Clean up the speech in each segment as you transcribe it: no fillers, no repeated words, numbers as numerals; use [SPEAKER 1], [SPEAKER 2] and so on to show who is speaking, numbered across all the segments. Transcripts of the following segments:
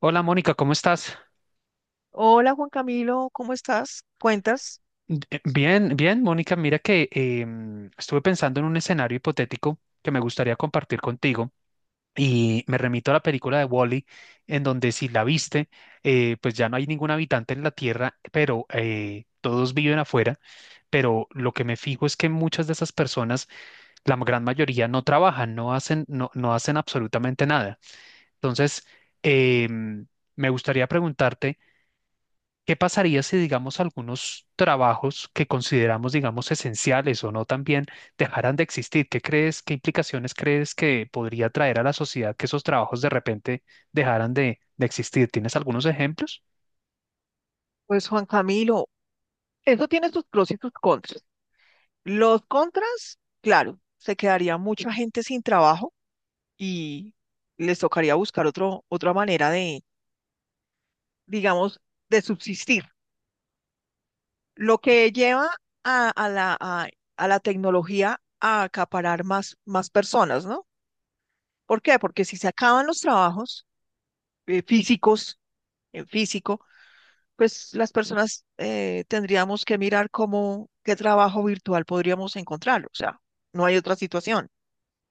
[SPEAKER 1] Hola Mónica, ¿cómo estás?
[SPEAKER 2] Hola Juan Camilo, ¿cómo estás? ¿Cuentas?
[SPEAKER 1] Bien, bien, Mónica, mira que estuve pensando en un escenario hipotético que me gustaría compartir contigo y me remito a la película de Wall-E, en donde si la viste, pues ya no hay ningún habitante en la Tierra, pero todos viven afuera, pero lo que me fijo es que muchas de esas personas, la gran mayoría, no trabajan, no hacen, no hacen absolutamente nada. Entonces, eh, mm, me gustaría preguntarte. ¿Qué pasaría si, digamos, algunos trabajos que consideramos, digamos, esenciales o no también dejaran de existir? ¿Qué crees, qué implicaciones crees que podría traer a la sociedad que esos trabajos de repente dejaran de existir? ¿Tienes algunos ejemplos?
[SPEAKER 2] Pues Juan Camilo, eso tiene sus pros y sus contras. Los contras, claro, se quedaría mucha gente sin trabajo y les tocaría buscar otra manera de, digamos, de subsistir. Lo que lleva a, a la, a, a la tecnología a acaparar más personas, ¿no? ¿Por qué? Porque si se acaban los trabajos físicos, en físico, pues las personas tendríamos que mirar qué trabajo virtual podríamos encontrar. O sea, no hay otra situación,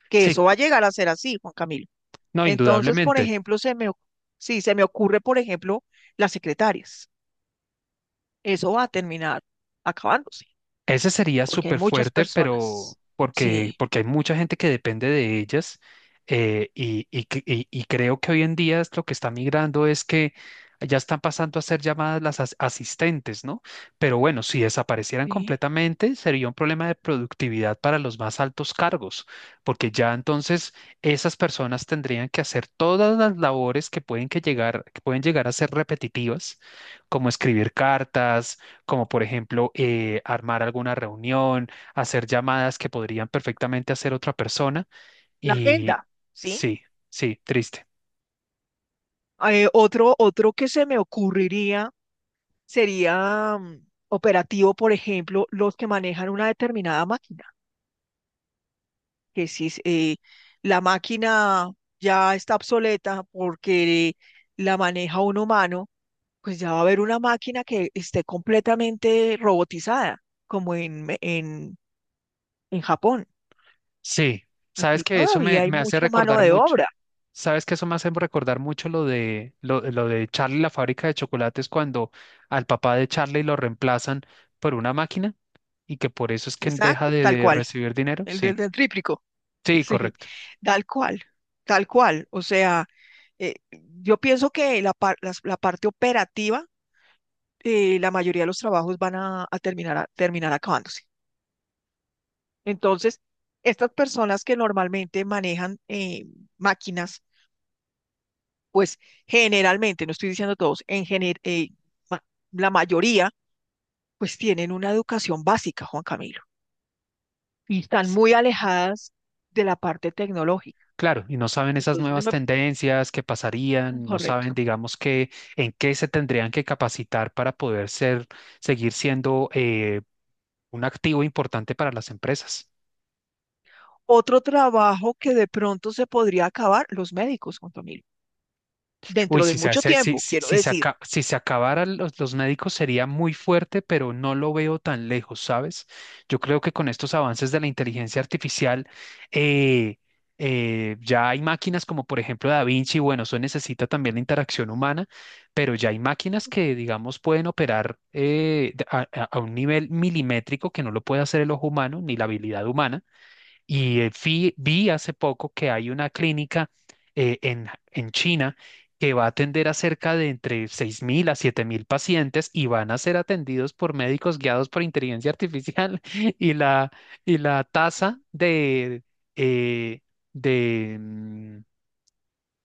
[SPEAKER 2] que
[SPEAKER 1] Sí,
[SPEAKER 2] eso va a llegar a ser así, Juan Camilo.
[SPEAKER 1] no,
[SPEAKER 2] Entonces, por
[SPEAKER 1] indudablemente.
[SPEAKER 2] ejemplo, sí, se me ocurre, por ejemplo, las secretarias. Eso va a terminar acabándose,
[SPEAKER 1] Ese sería
[SPEAKER 2] porque hay
[SPEAKER 1] súper
[SPEAKER 2] muchas
[SPEAKER 1] fuerte, pero
[SPEAKER 2] personas.
[SPEAKER 1] porque,
[SPEAKER 2] Sí,
[SPEAKER 1] porque hay mucha gente que depende de ellas. Y creo que hoy en día es lo que está migrando es que ya están pasando a ser llamadas las asistentes, ¿no? Pero bueno, si desaparecieran
[SPEAKER 2] sí.
[SPEAKER 1] completamente, sería un problema de productividad para los más altos cargos, porque ya entonces esas personas tendrían que hacer todas las labores que pueden, que pueden llegar a ser repetitivas, como escribir cartas, como por ejemplo armar alguna reunión, hacer llamadas que podrían perfectamente hacer otra persona.
[SPEAKER 2] La
[SPEAKER 1] Y
[SPEAKER 2] agenda, ¿sí?
[SPEAKER 1] sí, sí, triste.
[SPEAKER 2] Otro que se me ocurriría sería operativo, por ejemplo, los que manejan una determinada máquina, que si la máquina ya está obsoleta porque la maneja un humano, pues ya va a haber una máquina que esté completamente robotizada, como en Japón.
[SPEAKER 1] Sí, sabes
[SPEAKER 2] Aquí
[SPEAKER 1] que eso
[SPEAKER 2] todavía hay
[SPEAKER 1] me hace
[SPEAKER 2] mucha mano
[SPEAKER 1] recordar
[SPEAKER 2] de obra.
[SPEAKER 1] mucho, sabes que eso me hace recordar mucho lo lo de Charlie, y la fábrica de chocolates, cuando al papá de Charlie lo reemplazan por una máquina y que por eso es que deja
[SPEAKER 2] Exacto, tal
[SPEAKER 1] de
[SPEAKER 2] cual,
[SPEAKER 1] recibir dinero.
[SPEAKER 2] el del,
[SPEAKER 1] Sí,
[SPEAKER 2] del tríplico.
[SPEAKER 1] sí,
[SPEAKER 2] Sí,
[SPEAKER 1] correcto.
[SPEAKER 2] tal cual, tal cual. O sea, yo pienso que la parte operativa, la mayoría de los trabajos van a terminar acabándose. Entonces, estas personas que normalmente manejan máquinas, pues generalmente, no estoy diciendo todos, ma- la mayoría, pues tienen una educación básica, Juan Camilo, y están muy alejadas de la parte tecnológica.
[SPEAKER 1] Claro, y no saben esas
[SPEAKER 2] Entonces,
[SPEAKER 1] nuevas tendencias que pasarían, no saben,
[SPEAKER 2] correcto.
[SPEAKER 1] digamos, que en qué se tendrían que capacitar para poder ser, seguir siendo un activo importante para las empresas.
[SPEAKER 2] Otro trabajo que de pronto se podría acabar, los médicos, Juan Camilo,
[SPEAKER 1] Uy,
[SPEAKER 2] dentro de
[SPEAKER 1] si se,
[SPEAKER 2] mucho
[SPEAKER 1] hace- si,
[SPEAKER 2] tiempo,
[SPEAKER 1] si,
[SPEAKER 2] quiero
[SPEAKER 1] si se,
[SPEAKER 2] decir.
[SPEAKER 1] aca- si se acabaran los médicos sería muy fuerte, pero no lo veo tan lejos, ¿sabes? Yo creo que con estos avances de la inteligencia artificial, eh, ya hay máquinas como por ejemplo Da Vinci, bueno, eso necesita también la interacción humana, pero ya hay máquinas que, digamos, pueden operar a un nivel milimétrico que no lo puede hacer el ojo humano ni la habilidad humana. Y hace poco que hay una clínica en China que va a atender a cerca de entre 6.000 a 7.000 pacientes y van a ser atendidos por médicos guiados por inteligencia artificial y la, y la tasa eh, de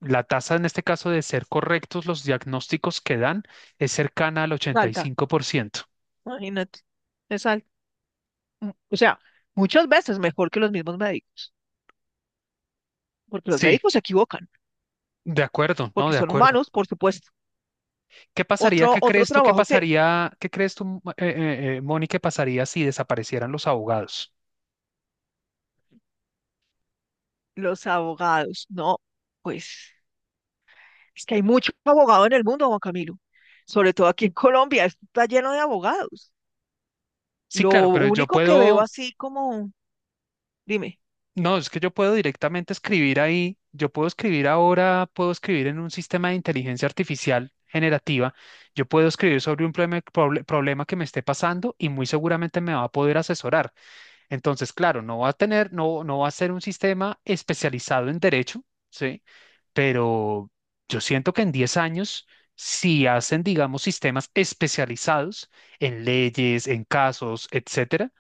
[SPEAKER 1] la tasa en este caso de ser correctos los diagnósticos que dan es cercana al
[SPEAKER 2] Salta,
[SPEAKER 1] 85%.
[SPEAKER 2] imagínate, es alta. O sea, muchas veces mejor que los mismos médicos, porque los
[SPEAKER 1] Sí,
[SPEAKER 2] médicos se equivocan
[SPEAKER 1] de acuerdo, no,
[SPEAKER 2] porque
[SPEAKER 1] de
[SPEAKER 2] son
[SPEAKER 1] acuerdo.
[SPEAKER 2] humanos, por supuesto.
[SPEAKER 1] ¿Qué pasaría?
[SPEAKER 2] Otro,
[SPEAKER 1] ¿Qué
[SPEAKER 2] otro
[SPEAKER 1] crees tú que
[SPEAKER 2] trabajo que
[SPEAKER 1] pasaría? ¿Qué crees tú, Moni, que pasaría si desaparecieran los abogados?
[SPEAKER 2] los abogados, no, pues es que hay mucho abogado en el mundo, Juan Camilo, sobre todo aquí en Colombia, esto está lleno de abogados.
[SPEAKER 1] Sí,
[SPEAKER 2] Lo
[SPEAKER 1] claro, pero yo
[SPEAKER 2] único que veo
[SPEAKER 1] puedo,
[SPEAKER 2] así como, dime,
[SPEAKER 1] no, es que yo puedo directamente escribir ahí, yo puedo escribir ahora, puedo escribir en un sistema de inteligencia artificial generativa, yo puedo escribir sobre un problema que me esté pasando y muy seguramente me va a poder asesorar. Entonces, claro, no va a tener, no, no va a ser un sistema especializado en derecho, ¿sí? Pero yo siento que en 10 años, si hacen, digamos, sistemas especializados en leyes, en casos, etcétera,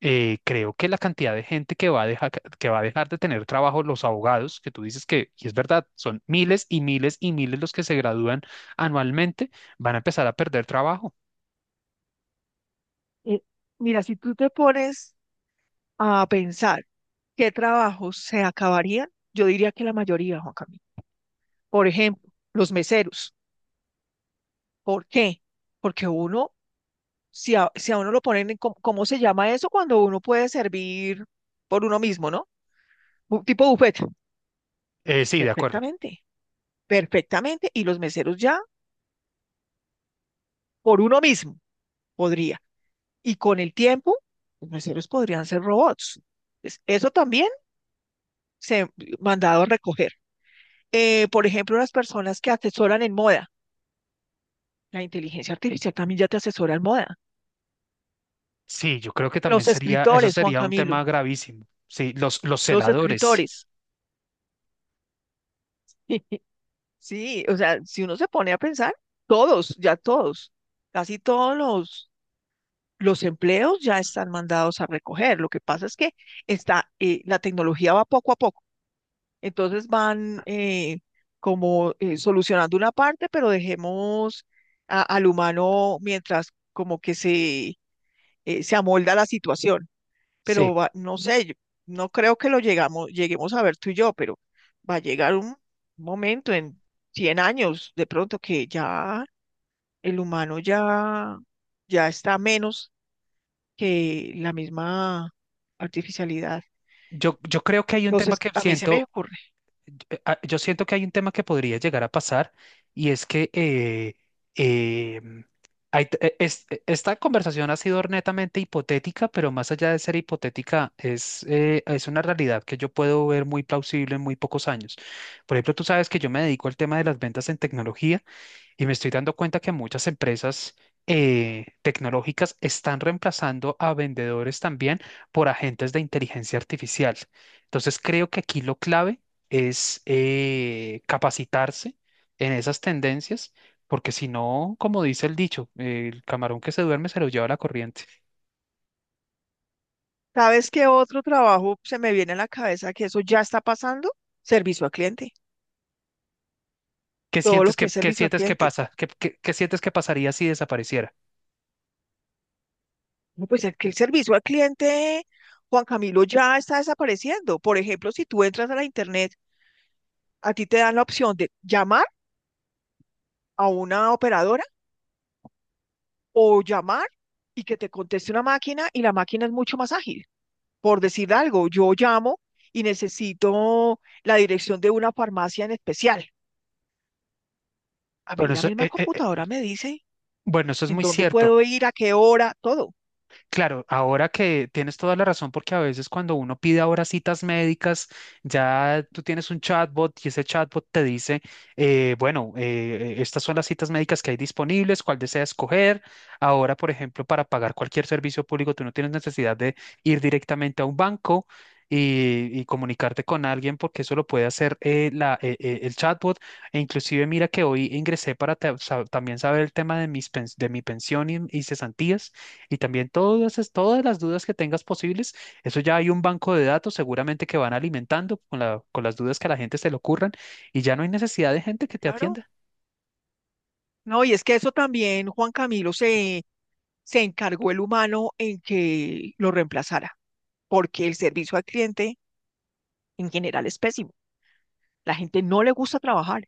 [SPEAKER 1] creo que la cantidad de gente que va a dejar, que va a dejar de tener trabajo, los abogados, que tú dices que, y es verdad, son miles y miles y miles los que se gradúan anualmente, van a empezar a perder trabajo.
[SPEAKER 2] eh, mira, si tú te pones a pensar qué trabajos se acabarían, yo diría que la mayoría, Juan Camilo. Por ejemplo, los meseros. ¿Por qué? Porque uno, si a uno lo ponen ¿cómo se llama eso? Cuando uno puede servir por uno mismo, ¿no? Tipo buffet.
[SPEAKER 1] Sí, de acuerdo.
[SPEAKER 2] Perfectamente, perfectamente. Y los meseros ya por uno mismo podría. Y con el tiempo, los meseros podrían ser robots. Eso también se ha mandado a recoger. Por ejemplo, las personas que asesoran en moda. La inteligencia artificial también ya te asesora en moda.
[SPEAKER 1] Sí, yo creo que también
[SPEAKER 2] Los
[SPEAKER 1] sería, eso
[SPEAKER 2] escritores, Juan
[SPEAKER 1] sería un
[SPEAKER 2] Camilo,
[SPEAKER 1] tema gravísimo. Sí, los
[SPEAKER 2] los
[SPEAKER 1] celadores.
[SPEAKER 2] escritores. Sí, o sea, si uno se pone a pensar, todos, ya todos, casi todos los empleos ya están mandados a recoger. Lo que pasa es que la tecnología va poco a poco. Entonces van como solucionando una parte, pero dejemos al humano mientras como que se amolda la situación, pero
[SPEAKER 1] Sí,
[SPEAKER 2] no sé, yo no creo que lo lleguemos a ver tú y yo, pero va a llegar un momento en 100 años de pronto que ya el humano ya está menos que la misma artificialidad.
[SPEAKER 1] yo creo que hay un tema
[SPEAKER 2] Entonces,
[SPEAKER 1] que
[SPEAKER 2] a mí se me
[SPEAKER 1] siento,
[SPEAKER 2] ocurre.
[SPEAKER 1] yo siento que hay un tema que podría llegar a pasar y es que eh, esta conversación ha sido netamente hipotética, pero más allá de ser hipotética, es una realidad que yo puedo ver muy plausible en muy pocos años. Por ejemplo, tú sabes que yo me dedico al tema de las ventas en tecnología. Y me estoy dando cuenta que muchas empresas tecnológicas están reemplazando a vendedores también por agentes de inteligencia artificial. Entonces creo que aquí lo clave es capacitarse en esas tendencias, porque si no, como dice el dicho, el camarón que se duerme se lo lleva la corriente.
[SPEAKER 2] ¿Sabes qué otro trabajo se me viene a la cabeza que eso ya está pasando? Servicio al cliente. Todo lo que es
[SPEAKER 1] Qué
[SPEAKER 2] servicio al
[SPEAKER 1] sientes que
[SPEAKER 2] cliente.
[SPEAKER 1] pasa? ¿Qué, qué sientes que pasaría si desapareciera?
[SPEAKER 2] No, pues es que el servicio al cliente, Juan Camilo, ya está desapareciendo. Por ejemplo, si tú entras a la internet, a ti te dan la opción de llamar a una operadora o llamar y que te conteste una máquina, y la máquina es mucho más ágil. Por decir algo, yo llamo y necesito la dirección de una farmacia en especial. A
[SPEAKER 1] Bueno,
[SPEAKER 2] mí la
[SPEAKER 1] eso,
[SPEAKER 2] misma
[SPEAKER 1] eh, eh, eh,
[SPEAKER 2] computadora me dice
[SPEAKER 1] bueno, eso es
[SPEAKER 2] en
[SPEAKER 1] muy
[SPEAKER 2] dónde
[SPEAKER 1] cierto.
[SPEAKER 2] puedo ir, a qué hora, todo.
[SPEAKER 1] Claro, ahora que tienes toda la razón, porque a veces cuando uno pide ahora citas médicas, ya tú tienes un chatbot y ese chatbot te dice, bueno, estas son las citas médicas que hay disponibles, cuál desea escoger. Ahora, por ejemplo, para pagar cualquier servicio público, tú no tienes necesidad de ir directamente a un banco y comunicarte con alguien, porque eso lo puede hacer el chatbot. E inclusive, mira que hoy ingresé para también saber el tema de de mi pensión y cesantías. Y también todas las dudas que tengas posibles, eso ya hay un banco de datos seguramente que van alimentando con con las dudas que a la gente se le ocurran y ya no hay necesidad de gente que te
[SPEAKER 2] Claro.
[SPEAKER 1] atienda.
[SPEAKER 2] No, y es que eso también, Juan Camilo, se encargó el humano en que lo reemplazara, porque el servicio al cliente en general es pésimo. La gente no le gusta trabajar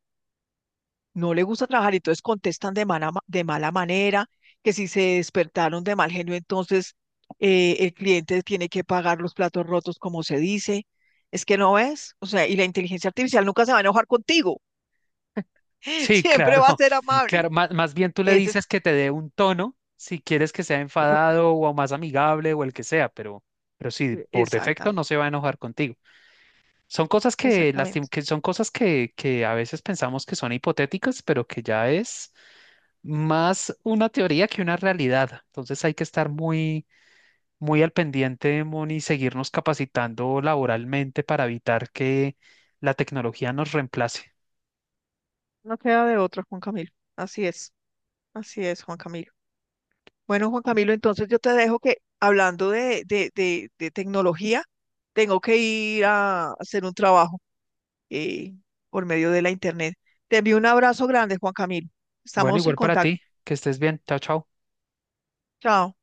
[SPEAKER 2] no le gusta trabajar, y entonces contestan de mala manera, que si se despertaron de mal genio, entonces el cliente tiene que pagar los platos rotos, como se dice. Es que no ves, o sea, y la inteligencia artificial nunca se va a enojar contigo,
[SPEAKER 1] Sí,
[SPEAKER 2] siempre
[SPEAKER 1] claro,
[SPEAKER 2] va a ser amable.
[SPEAKER 1] claro. Más, más bien tú le
[SPEAKER 2] Ese es-
[SPEAKER 1] dices que te dé un tono si quieres que sea enfadado o más amigable o el que sea, pero sí, por defecto no
[SPEAKER 2] Exactamente,
[SPEAKER 1] se va a enojar contigo. Son cosas
[SPEAKER 2] exactamente.
[SPEAKER 1] que son cosas que a veces pensamos que son hipotéticas, pero que ya es más una teoría que una realidad. Entonces hay que estar muy muy al pendiente, Moni, seguirnos capacitando laboralmente para evitar que la tecnología nos reemplace.
[SPEAKER 2] No queda de otra, Juan Camilo. Así es, Juan Camilo. Bueno, Juan Camilo, entonces yo te dejo, que hablando de tecnología, tengo que ir a hacer un trabajo eh, por medio de la internet. Te envío un abrazo grande, Juan Camilo.
[SPEAKER 1] Bueno,
[SPEAKER 2] Estamos en
[SPEAKER 1] igual para
[SPEAKER 2] contacto.
[SPEAKER 1] ti, que estés bien. Chao, chao.
[SPEAKER 2] Chao.